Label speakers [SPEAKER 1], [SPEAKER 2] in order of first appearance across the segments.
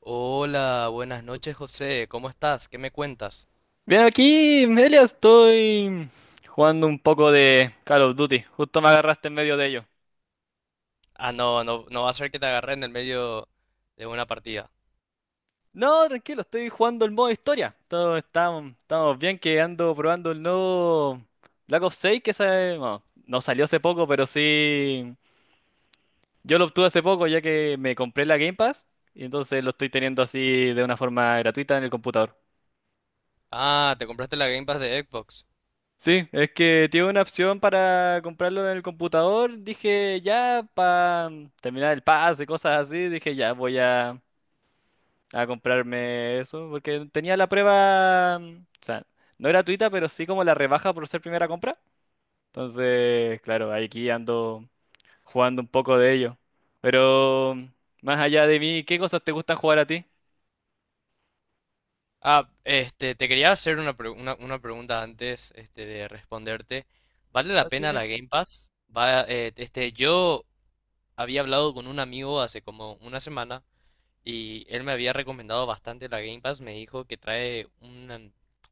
[SPEAKER 1] Hola, buenas noches, José. ¿Cómo estás? ¿Qué me cuentas?
[SPEAKER 2] Bien, aquí, Melia, estoy jugando un poco de Call of Duty. Justo me agarraste en medio de ello.
[SPEAKER 1] Ah, no, no, no va a ser que te agarre en el medio de una partida.
[SPEAKER 2] No, tranquilo, estoy jugando el modo historia. Todo estamos bien que ando probando el nuevo Black Ops 6 que bueno, no salió hace poco, pero sí. Yo lo obtuve hace poco ya que me compré la Game Pass y entonces lo estoy teniendo así de una forma gratuita en el computador.
[SPEAKER 1] Ah, te compraste la Game Pass de Xbox.
[SPEAKER 2] Sí, es que tiene una opción para comprarlo en el computador. Dije, ya, para terminar el pase, cosas así, dije, ya, voy a comprarme eso, porque tenía la prueba, o sea, no gratuita, pero sí como la rebaja por ser primera compra. Entonces, claro, aquí ando jugando un poco de ello. Pero más allá de mí, ¿qué cosas te gustan jugar a ti?
[SPEAKER 1] Te quería hacer una pregunta antes, de responderte. ¿Vale la
[SPEAKER 2] Así
[SPEAKER 1] pena
[SPEAKER 2] de-
[SPEAKER 1] la Game Pass? Va, yo había hablado con un amigo hace como una semana y él me había recomendado bastante la Game Pass. Me dijo que trae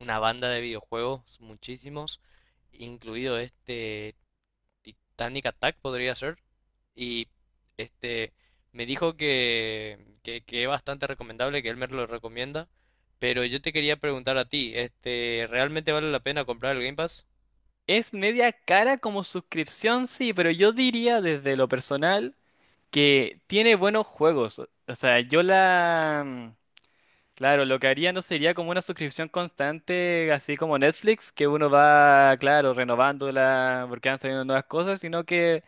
[SPEAKER 1] una banda de videojuegos, muchísimos, incluido Titanic Attack, podría ser. Y este me dijo que es bastante recomendable, que él me lo recomienda. Pero yo te quería preguntar a ti, ¿realmente vale la pena comprar el Game Pass?
[SPEAKER 2] Es media cara como suscripción, sí, pero yo diría desde lo personal, que tiene buenos juegos. O sea, claro, lo que haría no sería como una suscripción constante, así como Netflix, que uno va, claro, renovándola porque van saliendo nuevas cosas, sino que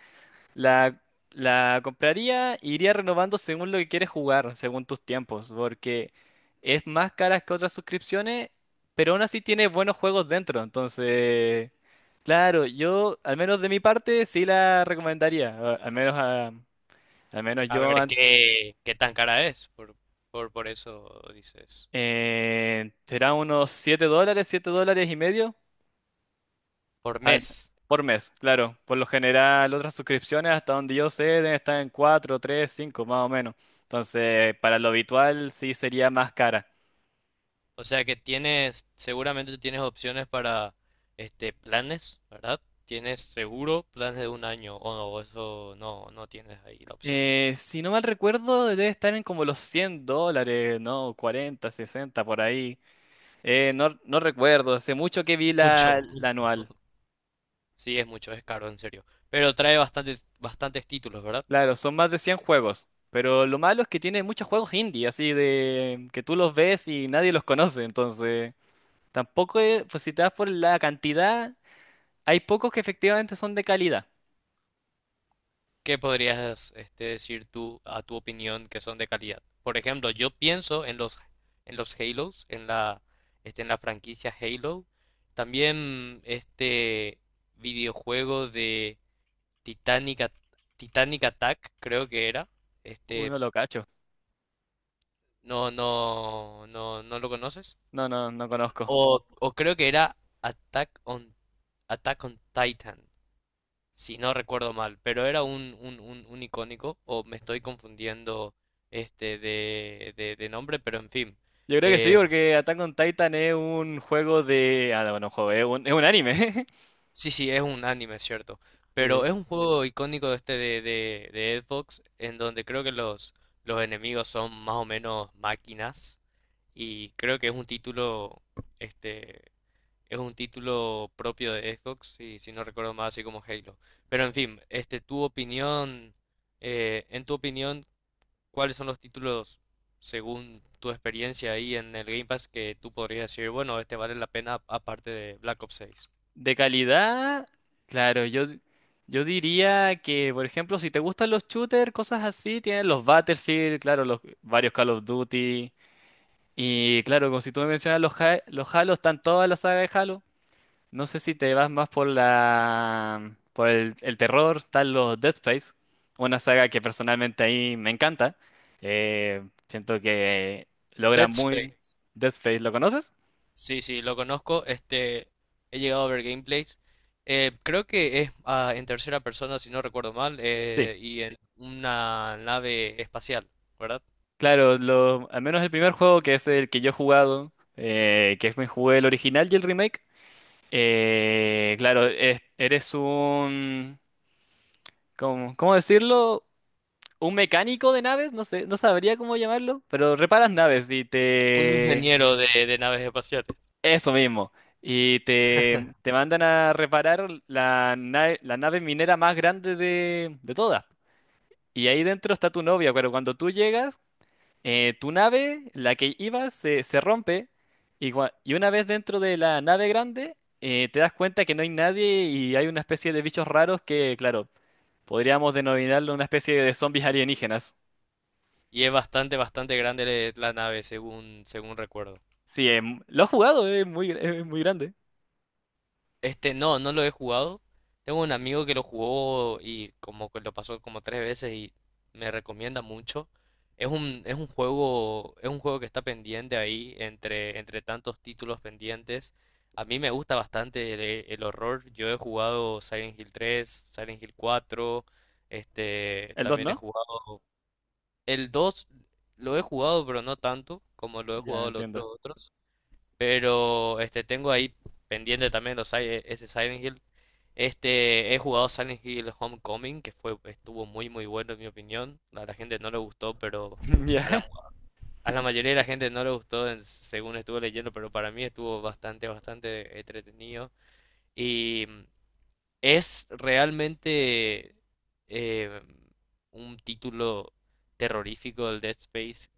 [SPEAKER 2] la, la compraría e iría renovando según lo que quieres jugar, según tus tiempos, porque es más cara que otras suscripciones, pero aún así tiene buenos juegos dentro. Entonces, claro, yo, al menos de mi parte, sí la recomendaría, al menos a... Al menos
[SPEAKER 1] A
[SPEAKER 2] yo.
[SPEAKER 1] ver qué tan cara es, por eso dices,
[SPEAKER 2] Será unos $7, $7.50
[SPEAKER 1] por
[SPEAKER 2] al-
[SPEAKER 1] mes.
[SPEAKER 2] por mes, claro. Por lo general, otras suscripciones, hasta donde yo sé, deben estar en 4, 3, 5 más o menos. Entonces, para lo habitual, sí sería más cara.
[SPEAKER 1] O sea que tienes, seguramente tienes opciones para planes, ¿verdad? Tienes seguro planes de un año, o no, eso no tienes ahí la opción.
[SPEAKER 2] Si no mal recuerdo, debe estar en como los $100, ¿no? 40, 60 por ahí. No, no recuerdo, hace mucho que vi la,
[SPEAKER 1] Mucho.
[SPEAKER 2] la anual.
[SPEAKER 1] Sí, es mucho, es caro, en serio. Pero trae bastantes, bastantes títulos, ¿verdad?
[SPEAKER 2] Claro, son más de 100 juegos, pero lo malo es que tiene muchos juegos indie, así de que tú los ves y nadie los conoce, entonces tampoco, pues si te das por la cantidad, hay pocos que efectivamente son de calidad.
[SPEAKER 1] ¿Qué podrías, decir tú a tu opinión, que son de calidad? Por ejemplo, yo pienso en los Halos, en la franquicia Halo. También videojuego de Titanic, At- Titanic Attack, creo que era. Este,
[SPEAKER 2] Uno lo cacho.
[SPEAKER 1] no lo conoces.
[SPEAKER 2] No, no, no conozco.
[SPEAKER 1] O creo que era Attack on, Attack on Titan, si no recuerdo mal, pero era un icónico, o me estoy confundiendo de nombre, pero en fin.
[SPEAKER 2] Yo creo que sí,
[SPEAKER 1] Eh,
[SPEAKER 2] porque Attack on Titan es un juego de... Ah, no, no, juego, es un anime.
[SPEAKER 1] sí, sí, es un anime, es cierto. Pero
[SPEAKER 2] De,
[SPEAKER 1] es un juego icónico de de Xbox, en donde creo que los enemigos son más o menos máquinas. Y creo que es un título, este, es un título propio de Xbox, si no recuerdo mal, así como Halo. Pero en fin, en tu opinión, ¿cuáles son los títulos, según tu experiencia ahí en el Game Pass, que tú podrías decir, bueno, este vale la pena aparte de Black Ops 6?
[SPEAKER 2] de calidad, claro, yo diría que, por ejemplo, si te gustan los shooters, cosas así, tienes los Battlefield, claro, los varios Call of Duty. Y claro, como si tú me mencionas los Halo, están toda la saga de Halo. No sé si te vas más por la por el terror, están los Dead Space, una saga que personalmente ahí me encanta. Eh, Siento que logra
[SPEAKER 1] Dead
[SPEAKER 2] muy.
[SPEAKER 1] Space.
[SPEAKER 2] Dead Space, ¿lo conoces?
[SPEAKER 1] Sí, sí, lo conozco. He llegado a ver gameplays. Creo que es en tercera persona, si no recuerdo mal,
[SPEAKER 2] Sí.
[SPEAKER 1] y en una nave espacial, ¿verdad?
[SPEAKER 2] Claro, lo, al menos el primer juego que es el que yo he jugado, que es me jugué el original y el remake. Claro, eres un ¿cómo decirlo? Un mecánico de naves, no sé, no sabría cómo llamarlo, pero reparas naves y
[SPEAKER 1] Un
[SPEAKER 2] te...
[SPEAKER 1] ingeniero de naves espaciales.
[SPEAKER 2] Eso mismo. Y te mandan a reparar la nave minera más grande de todas. Y ahí dentro está tu novia, pero cuando tú llegas, tu nave, la que ibas, se rompe. Y una vez dentro de la nave grande, te das cuenta que no hay nadie y hay una especie de bichos raros que, claro, podríamos denominarlo una especie de zombies alienígenas.
[SPEAKER 1] Y es bastante, bastante grande la nave, según, según recuerdo.
[SPEAKER 2] Sí, lo he jugado, es muy grande.
[SPEAKER 1] No, no lo he jugado. Tengo un amigo que lo jugó y como que lo pasó como tres veces y me recomienda mucho. Es un juego que está pendiente ahí entre, entre tantos títulos pendientes. A mí me gusta bastante el horror. Yo he jugado Silent Hill 3, Silent Hill 4,
[SPEAKER 2] ¿El dos,
[SPEAKER 1] también he
[SPEAKER 2] no?
[SPEAKER 1] jugado el dos, lo he jugado, pero no tanto como lo he
[SPEAKER 2] Ya
[SPEAKER 1] jugado los
[SPEAKER 2] entiendo.
[SPEAKER 1] otros. Pero tengo ahí pendiente también los, si- ese Silent Hill. He jugado Silent Hill Homecoming, que fue, estuvo muy muy bueno en mi opinión. A la gente no le gustó, pero
[SPEAKER 2] Ya.
[SPEAKER 1] a la, a la mayoría de la gente no le gustó, en- según estuve leyendo, pero para mí estuvo bastante, bastante entretenido. Y es realmente eh, un título terrorífico del Dead Space,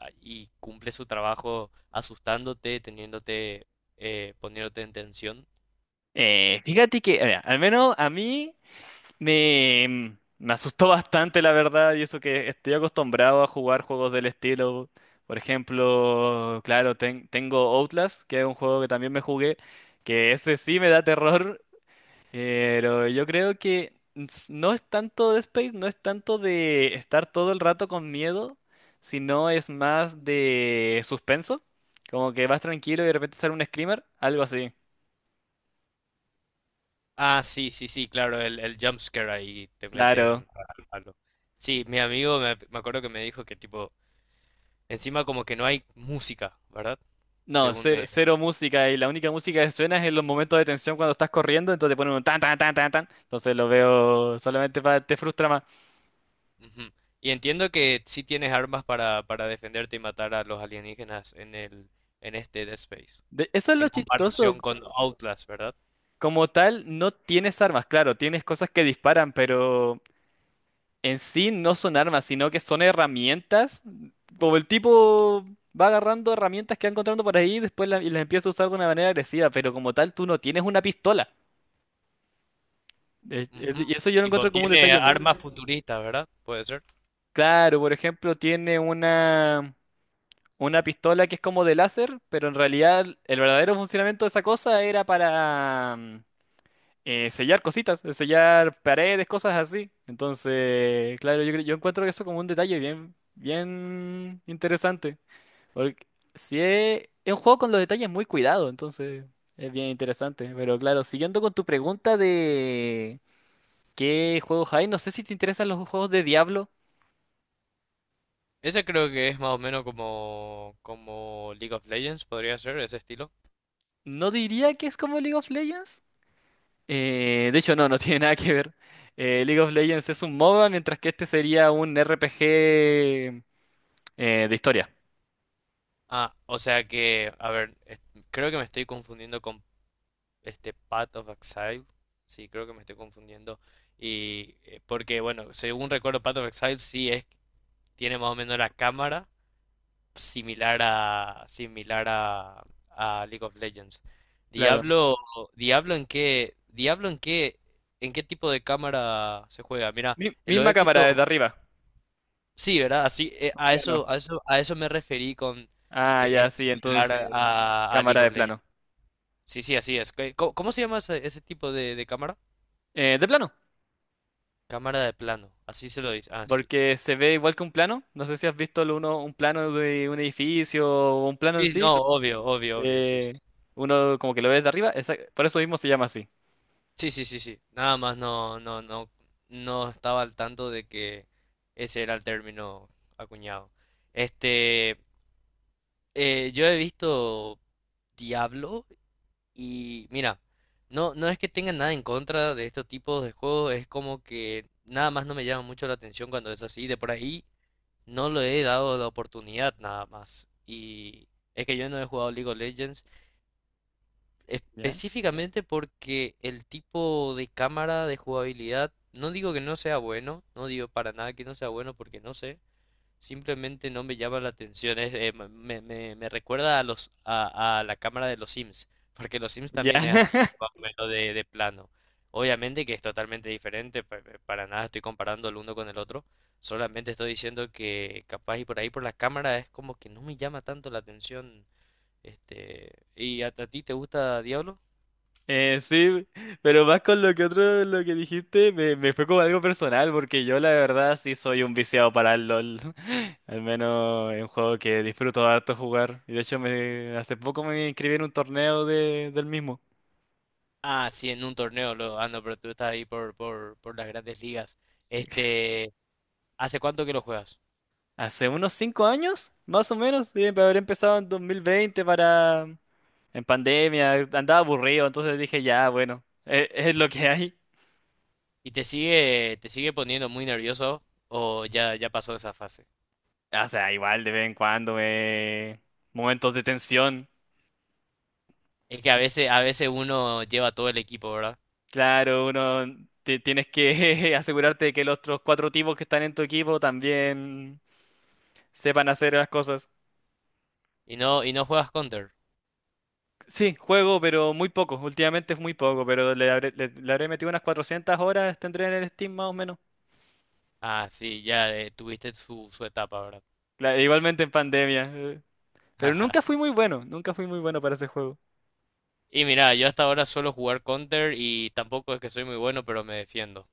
[SPEAKER 1] ah, y cumple su trabajo asustándote, teniéndote, poniéndote en tensión.
[SPEAKER 2] Fíjate que, al menos a mí me, mm, me asustó bastante, la verdad, y eso que estoy acostumbrado a jugar juegos del estilo. Por ejemplo, claro, tengo Outlast, que es un juego que también me jugué, que ese sí me da terror. Pero yo creo que no es tanto de Space, no es tanto de estar todo el rato con miedo, sino es más de suspenso. Como que vas tranquilo y de repente sale un screamer, algo así.
[SPEAKER 1] Ah, sí, sí, sí, claro, el jump scare ahí te
[SPEAKER 2] Claro.
[SPEAKER 1] meten al palo. Sí, mi amigo me, me acuerdo que me dijo que tipo, encima como que no hay música, ¿verdad?
[SPEAKER 2] No,
[SPEAKER 1] Según
[SPEAKER 2] cero,
[SPEAKER 1] me,
[SPEAKER 2] cero música, y la única música que suena es en los momentos de tensión cuando estás corriendo, entonces te ponen un tan tan tan tan tan. Entonces lo veo solamente para te frustra más.
[SPEAKER 1] Ujú. Y entiendo que sí tienes armas para defenderte y matar a los alienígenas en este Dead Space.
[SPEAKER 2] Eso es
[SPEAKER 1] En
[SPEAKER 2] lo chistoso.
[SPEAKER 1] comparación con Outlast, ¿verdad?
[SPEAKER 2] Como tal, no tienes armas, claro, tienes cosas que disparan, pero en sí no son armas, sino que son herramientas. Como el tipo va agarrando herramientas que va encontrando por ahí y después y las empieza a usar de una manera agresiva, pero como tal tú no tienes una pistola.
[SPEAKER 1] Ujú.
[SPEAKER 2] Y eso yo lo
[SPEAKER 1] Tipo,
[SPEAKER 2] encuentro como un
[SPEAKER 1] tiene
[SPEAKER 2] detalle muy...
[SPEAKER 1] armas futuristas, ¿verdad? Puede ser.
[SPEAKER 2] Claro, por ejemplo, tiene una pistola que es como de láser, pero en realidad el verdadero funcionamiento de esa cosa era para sellar cositas, sellar paredes, cosas así. Entonces, claro, yo, yo encuentro eso como un detalle bien, bien interesante. Porque sí es un juego con los detalles muy cuidados, entonces es bien interesante. Pero claro, siguiendo con tu pregunta de qué juegos hay, no sé si te interesan los juegos de Diablo.
[SPEAKER 1] Ese creo que es más o menos como League of Legends, podría ser, ese estilo.
[SPEAKER 2] No diría que es como League of Legends. De hecho, no, no tiene nada que ver. League of Legends es un MOBA, mientras que este sería un RPG de historia.
[SPEAKER 1] Ah, o sea que, a ver, creo que me estoy confundiendo con Path of Exile. Sí, creo que me estoy confundiendo. Y porque, bueno, según recuerdo, Path of Exile sí es, tiene más o menos la cámara similar a League of Legends.
[SPEAKER 2] Claro.
[SPEAKER 1] Diablo, Diablo en qué tipo de cámara se juega. Mira, lo he
[SPEAKER 2] Misma cámara
[SPEAKER 1] visto,
[SPEAKER 2] desde arriba,
[SPEAKER 1] sí, ¿verdad? Así,
[SPEAKER 2] un plano.
[SPEAKER 1] a eso me referí con
[SPEAKER 2] Ah,
[SPEAKER 1] que
[SPEAKER 2] ya,
[SPEAKER 1] es
[SPEAKER 2] sí, entonces
[SPEAKER 1] similar a
[SPEAKER 2] cámara
[SPEAKER 1] League
[SPEAKER 2] de
[SPEAKER 1] of Legends.
[SPEAKER 2] plano.
[SPEAKER 1] Sí, sí, así es. ¿Cómo, cómo se llama ese tipo de cámara?
[SPEAKER 2] De plano.
[SPEAKER 1] Cámara de plano, así se lo dice. Ah, sí.
[SPEAKER 2] Porque se ve igual que un plano. No sé si has visto un plano de un edificio o un plano en
[SPEAKER 1] Sí,
[SPEAKER 2] sí.
[SPEAKER 1] no, obvio, obvio, obvio, sí, sí,
[SPEAKER 2] eh,
[SPEAKER 1] sí.
[SPEAKER 2] uno como que lo ves de arriba. Por eso mismo se llama así.
[SPEAKER 1] Sí, sí, sí, sí. Nada más no, no estaba al tanto de que ese era el término acuñado. Este, yo he visto Diablo y mira, no, no es que tenga nada en contra de estos tipos de juegos, es como que nada más no me llama mucho la atención cuando es así. De por ahí no le he dado la oportunidad nada más. Y es que yo no he jugado League of Legends.
[SPEAKER 2] ¿Ya?
[SPEAKER 1] Específicamente porque el tipo de cámara de jugabilidad, no digo que no sea bueno, no digo para nada que no sea bueno porque no sé, simplemente no me llama la atención, es, me, me- me- me recuerda a la cámara de los Sims, porque los Sims
[SPEAKER 2] Ya.
[SPEAKER 1] también es así, más o menos de plano. Obviamente que es totalmente diferente, para nada estoy comparando el uno con el otro, solamente estoy diciendo que capaz y por ahí por la cámara es como que no me llama tanto la atención. Este, ¿a ti te gusta Diablo?
[SPEAKER 2] Sí, pero más con lo que otro, lo que dijiste, me fue como algo personal, porque yo la verdad sí soy un viciado para el LOL. Al menos es un juego que disfruto harto jugar. Y de hecho hace poco me inscribí en un torneo de, del mismo.
[SPEAKER 1] Ah, sí, en un torneo luego. Ah, no, pero tú estás ahí por las grandes ligas. Este, ¿hace cuánto que lo juegas?
[SPEAKER 2] Hace unos 5 años, más o menos, sí, pero habré empezado en 2020 para... En pandemia, andaba aburrido, entonces dije, ya, bueno, es, lo que hay.
[SPEAKER 1] ¿Y te sigue poniendo muy nervioso o ya, ya pasó esa fase?
[SPEAKER 2] O sea, igual de vez en cuando, momentos de tensión.
[SPEAKER 1] Es que a veces uno lleva todo el equipo, ¿verdad?
[SPEAKER 2] Claro, uno tienes que asegurarte de que los otros cuatro tipos que están en tu equipo también sepan hacer las cosas.
[SPEAKER 1] Y no juegas Counter.
[SPEAKER 2] Sí, juego, pero muy poco. Últimamente es muy poco, pero le habré metido unas 400 horas, tendré en el Steam más o menos.
[SPEAKER 1] Ah, sí, ya, tuviste su, su etapa, ¿verdad?
[SPEAKER 2] Igualmente en pandemia. Pero
[SPEAKER 1] Jaja.
[SPEAKER 2] nunca fui muy bueno, nunca fui muy bueno para ese juego.
[SPEAKER 1] Y mira, yo hasta ahora suelo jugar Counter y tampoco es que soy muy bueno, pero me defiendo.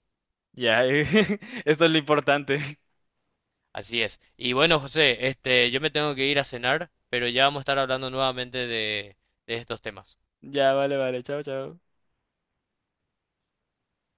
[SPEAKER 2] Ya, esto es lo importante.
[SPEAKER 1] Así es. Y bueno, José, yo me tengo que ir a cenar, pero ya vamos a estar hablando nuevamente de estos temas.
[SPEAKER 2] Ya, vale, vale, chao, chao.